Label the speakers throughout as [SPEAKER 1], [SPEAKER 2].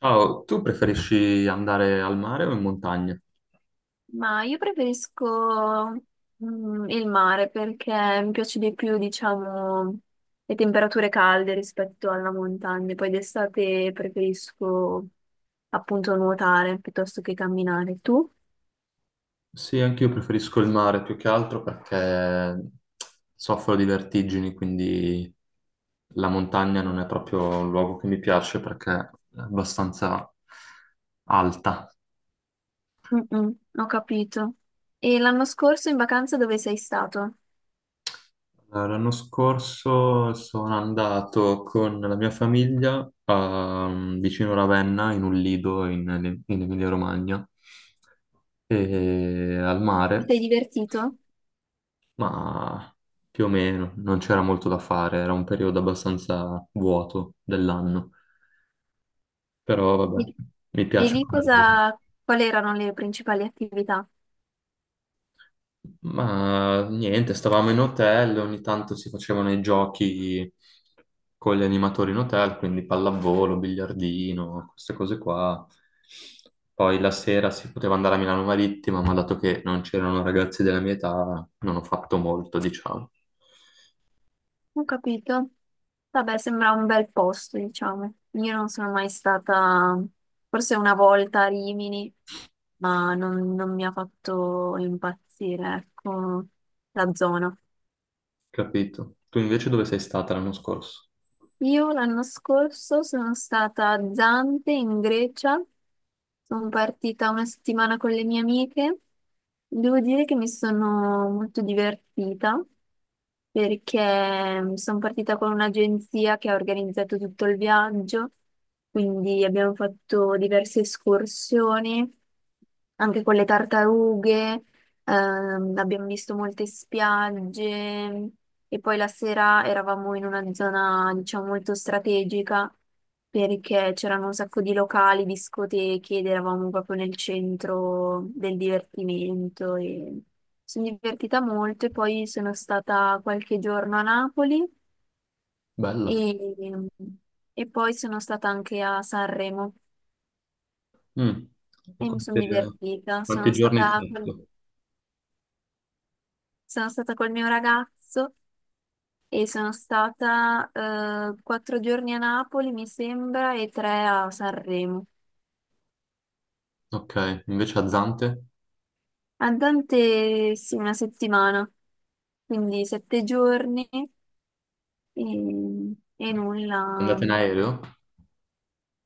[SPEAKER 1] Ciao, tu preferisci andare al mare o in montagna?
[SPEAKER 2] Ma io preferisco il mare perché mi piace di più, diciamo, le temperature calde rispetto alla montagna. Poi d'estate preferisco appunto nuotare piuttosto che camminare. Tu?
[SPEAKER 1] Sì, anche io preferisco il mare più che altro perché soffro di vertigini, quindi la montagna non è proprio un luogo che mi piace perché è abbastanza alta.
[SPEAKER 2] Mm-mm, ho capito. E l'anno scorso in vacanza dove sei stato?
[SPEAKER 1] L'anno scorso sono andato con la mia famiglia vicino Ravenna, in un lido in Emilia-Romagna, e al
[SPEAKER 2] Ti
[SPEAKER 1] mare.
[SPEAKER 2] sei divertito?
[SPEAKER 1] Ma più o meno, non c'era molto da fare, era un periodo abbastanza vuoto dell'anno, però
[SPEAKER 2] E
[SPEAKER 1] vabbè, mi
[SPEAKER 2] e
[SPEAKER 1] piace
[SPEAKER 2] lì
[SPEAKER 1] come lavoro.
[SPEAKER 2] cosa, quali erano le principali attività?
[SPEAKER 1] Ma niente, stavamo in hotel, ogni tanto si facevano i giochi con gli animatori in hotel, quindi pallavolo, biliardino, queste cose qua. Poi la sera si poteva andare a Milano Marittima, ma dato che non c'erano ragazzi della mia età, non ho fatto molto, diciamo.
[SPEAKER 2] Ho capito. Vabbè, sembra un bel posto, diciamo. Io non sono mai stata, forse una volta a Rimini, ma non mi ha fatto impazzire, ecco, la zona.
[SPEAKER 1] Capito? Tu invece dove sei stata l'anno scorso?
[SPEAKER 2] Io l'anno scorso sono stata a Zante in Grecia, sono partita una settimana con le mie amiche. Devo dire che mi sono molto divertita perché sono partita con un'agenzia che ha organizzato tutto il viaggio, quindi abbiamo fatto diverse escursioni, anche con le tartarughe. Abbiamo visto molte spiagge e poi la sera eravamo in una zona, diciamo, molto strategica perché c'erano un sacco di locali, discoteche ed eravamo proprio nel centro del divertimento e sono divertita molto e poi sono stata qualche giorno a Napoli
[SPEAKER 1] Bella.
[SPEAKER 2] e, e poi sono stata anche a Sanremo
[SPEAKER 1] Mm, e
[SPEAKER 2] e mi sono divertita.
[SPEAKER 1] quanti
[SPEAKER 2] Sono
[SPEAKER 1] giorni hai
[SPEAKER 2] stata, col-
[SPEAKER 1] fatto?
[SPEAKER 2] sono stata col mio ragazzo. E sono stata 4 giorni a Napoli, mi sembra, e tre a Sanremo.
[SPEAKER 1] Ok, invece a Zante?
[SPEAKER 2] A Dante, sì, una settimana, quindi 7 giorni e
[SPEAKER 1] È
[SPEAKER 2] nulla.
[SPEAKER 1] andata in aereo?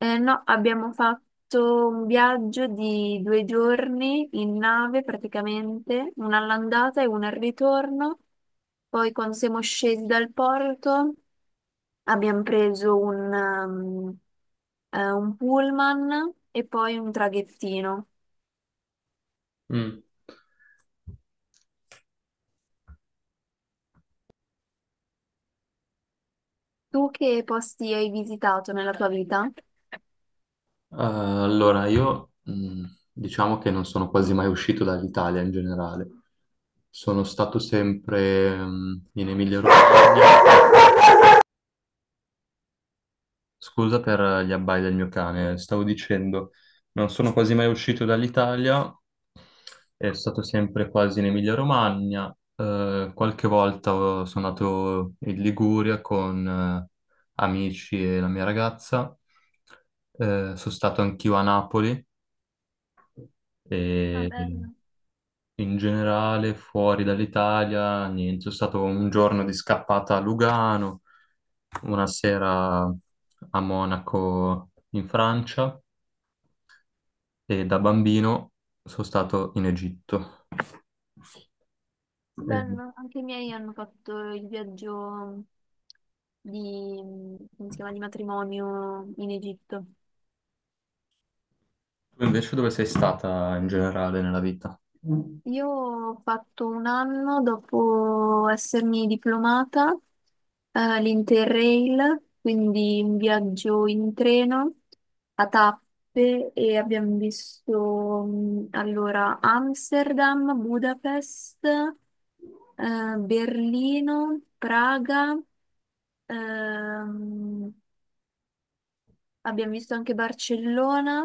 [SPEAKER 2] No, abbiamo fatto un viaggio di 2 giorni in nave praticamente, una all'andata e una al ritorno. Poi quando siamo scesi dal porto abbiamo preso un pullman e poi un traghettino.
[SPEAKER 1] Mm.
[SPEAKER 2] Tu che posti hai visitato nella tua vita?
[SPEAKER 1] Allora, io diciamo che non sono quasi mai uscito dall'Italia in generale. Sono stato sempre in Emilia-Romagna. Scusa per gli abbai del mio cane, stavo dicendo, non sono quasi mai uscito dall'Italia, è stato sempre quasi in Emilia-Romagna, qualche volta sono andato in Liguria con amici e la mia ragazza, sono stato anch'io a Napoli
[SPEAKER 2] Ah,
[SPEAKER 1] e
[SPEAKER 2] bello,
[SPEAKER 1] in generale, fuori dall'Italia, niente, è stato un giorno di scappata a Lugano, una sera a Monaco in Francia e da bambino sono stato in Egitto. E
[SPEAKER 2] bello. Anche i miei hanno fatto il viaggio di, come si chiama, di matrimonio in Egitto.
[SPEAKER 1] tu invece dove sei stata in generale nella vita?
[SPEAKER 2] Io ho fatto un anno dopo essermi diplomata l'Interrail, quindi un viaggio in treno a tappe e abbiamo visto allora Amsterdam, Budapest, Berlino, Praga, ehm, abbiamo visto anche Barcellona,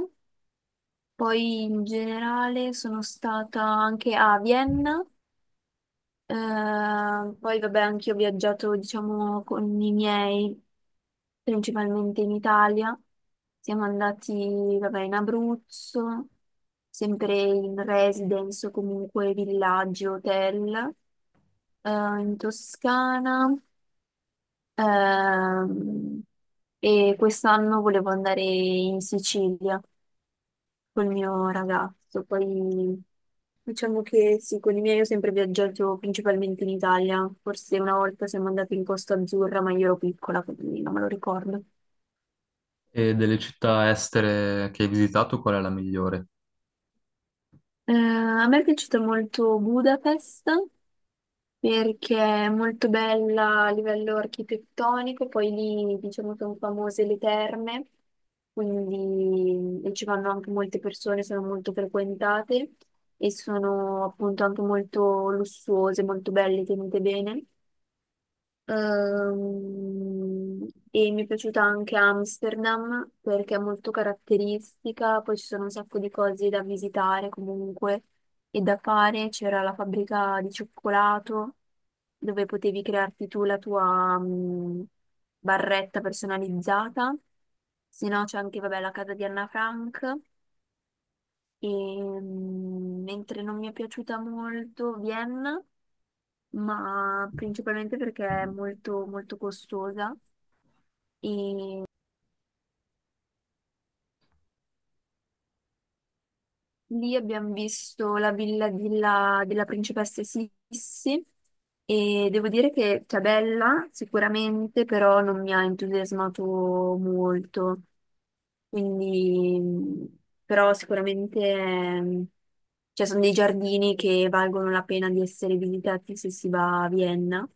[SPEAKER 2] poi in generale sono stata anche a Vienna. Eh, Poi vabbè, anche io ho viaggiato, diciamo, con i miei, principalmente in Italia. Siamo andati, vabbè, in Abruzzo, sempre in residence o comunque villaggi, hotel, eh, in Toscana. ehm, e quest'anno volevo andare in Sicilia col mio ragazzo. Poi diciamo che sì, con i miei ho sempre viaggiato principalmente in Italia. Forse una volta siamo andati in Costa Azzurra, ma io ero piccola, quindi non me lo ricordo.
[SPEAKER 1] E delle città estere che hai visitato, qual è la migliore?
[SPEAKER 2] A me è piaciuta molto Budapest perché è molto bella a livello architettonico, poi lì diciamo sono famose le terme, quindi e ci vanno anche molte persone, sono molto frequentate e sono appunto anche molto lussuose, molto belle, tenute bene. Ehm, e mi è piaciuta anche Amsterdam perché è molto caratteristica, poi ci sono un sacco di cose da visitare comunque e da fare. C'era la fabbrica di cioccolato dove potevi crearti tu la tua barretta personalizzata. Se no c'è anche, vabbè, la casa di Anna Frank. Mentre non mi è piaciuta molto Vienna ma principalmente perché è molto, molto costosa. E lì abbiamo visto la villa della principessa Sissi e devo dire che è bella sicuramente, però non mi ha entusiasmato molto. Quindi, però sicuramente cioè, sono dei giardini che valgono la pena di essere visitati se si va a Vienna.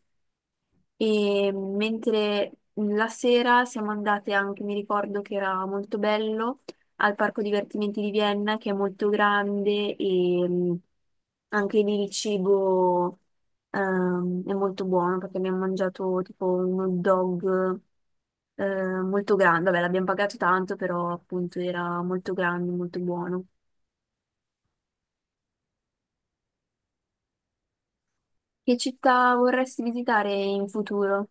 [SPEAKER 2] E mentre la sera siamo andate anche, mi ricordo che era molto bello, al Parco Divertimenti di Vienna, che è molto grande e anche lì il cibo è molto buono perché abbiamo mangiato tipo un hot dog molto grande. Vabbè, l'abbiamo pagato tanto, però appunto era molto grande, molto buono. Che città vorresti visitare in futuro?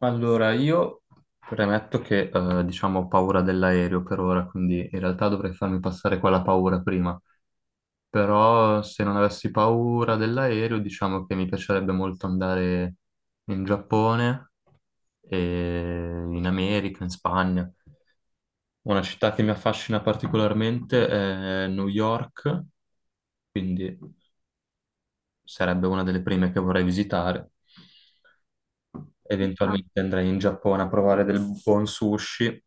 [SPEAKER 1] Allora, io premetto che diciamo ho paura dell'aereo per ora, quindi in realtà dovrei farmi passare quella paura prima. Però se non avessi paura dell'aereo, diciamo che mi piacerebbe molto andare in Giappone, e in America, in Spagna. Una città che mi affascina particolarmente è New York, quindi sarebbe una delle prime che vorrei visitare.
[SPEAKER 2] No.
[SPEAKER 1] Eventualmente andrei in Giappone a provare del buon sushi.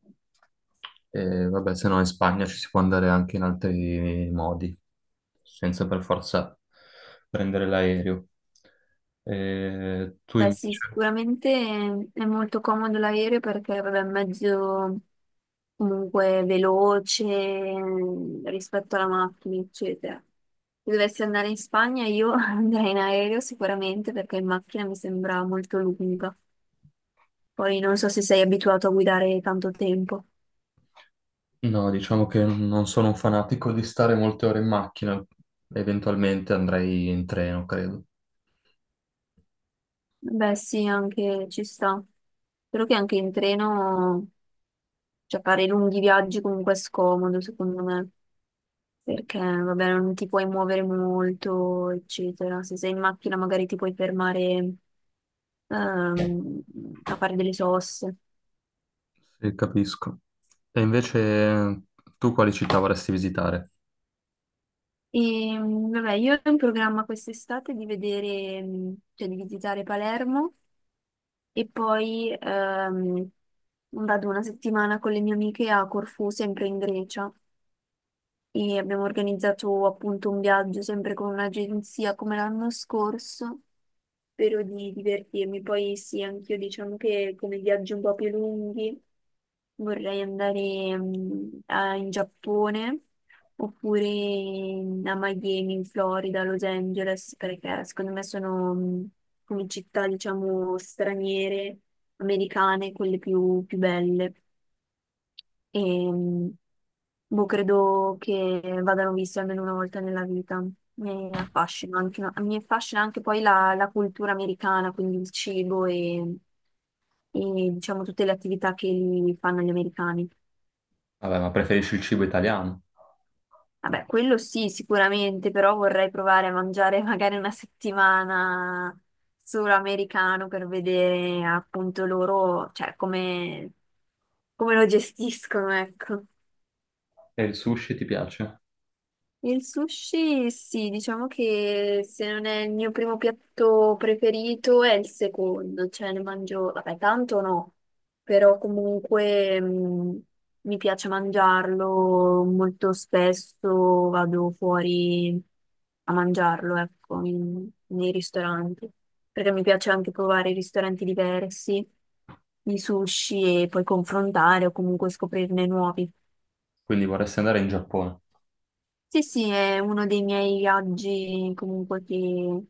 [SPEAKER 1] E vabbè, se no in Spagna ci si può andare anche in altri modi, senza per forza prendere l'aereo. E tu
[SPEAKER 2] Beh, sì,
[SPEAKER 1] invece?
[SPEAKER 2] sicuramente è molto comodo l'aereo perché vabbè, è un mezzo comunque veloce rispetto alla macchina, eccetera. Se dovessi andare in Spagna io andrei in aereo sicuramente perché in macchina mi sembra molto lunga. Poi non so se sei abituato a guidare tanto tempo.
[SPEAKER 1] No, diciamo che non sono un fanatico di stare molte ore in macchina, eventualmente andrei in treno, credo.
[SPEAKER 2] Beh, sì, anche ci sta. Spero che anche in treno, cioè fare lunghi viaggi comunque è scomodo, secondo me. Perché vabbè, non ti puoi muovere molto, eccetera. Se sei in macchina magari ti puoi fermare ehm, a fare delle soste.
[SPEAKER 1] Sì, capisco. E invece tu quali città vorresti visitare?
[SPEAKER 2] E vabbè, io ho in programma quest'estate di vedere, cioè di visitare Palermo e poi vado una settimana con le mie amiche a Corfù, sempre in Grecia. E abbiamo organizzato appunto un viaggio sempre con un'agenzia come l'anno scorso. Spero di divertirmi. Poi sì, anch'io diciamo che come viaggi un po' più lunghi vorrei andare in Giappone oppure a Miami, in Florida, Los Angeles, perché secondo me sono come città, diciamo, straniere, americane, quelle più più belle. E mm, boh, credo che vadano visti almeno una volta nella vita. Mi affascina anche, no, mi affascina anche poi la cultura americana, quindi il cibo e, diciamo tutte le attività che li fanno gli americani.
[SPEAKER 1] Vabbè, ma preferisci il cibo italiano?
[SPEAKER 2] Vabbè, quello sì, sicuramente, però vorrei provare a mangiare magari una settimana solo americano per vedere appunto loro, cioè come lo gestiscono, ecco.
[SPEAKER 1] E il sushi ti piace?
[SPEAKER 2] Il sushi, sì, diciamo che se non è il mio primo piatto preferito è il secondo, cioè ne mangio, vabbè, tanto no, però comunque mi piace mangiarlo molto spesso, vado fuori a mangiarlo, ecco, nei ristoranti, perché mi piace anche provare ristoranti diversi di sushi e poi confrontare o comunque scoprirne nuovi.
[SPEAKER 1] Quindi vorresti andare in Giappone.
[SPEAKER 2] Sì, sì, è uno dei miei viaggi comunque che,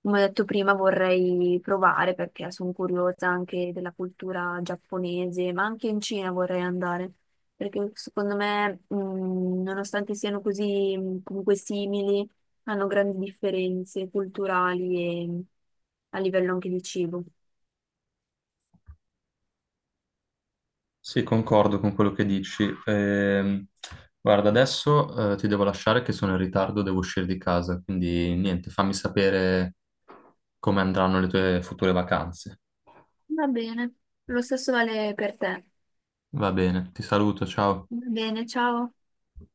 [SPEAKER 2] come ho detto prima, vorrei provare perché sono curiosa anche della cultura giapponese, ma anche in Cina vorrei andare, perché secondo me, nonostante siano così comunque simili, hanno grandi differenze culturali e a livello anche di cibo.
[SPEAKER 1] Sì, concordo con quello che dici. Guarda, adesso ti devo lasciare che sono in ritardo, devo uscire di casa, quindi niente, fammi sapere come andranno le tue future vacanze.
[SPEAKER 2] Va bene, lo stesso vale per te.
[SPEAKER 1] Va bene, ti saluto, ciao.
[SPEAKER 2] Va bene, ciao.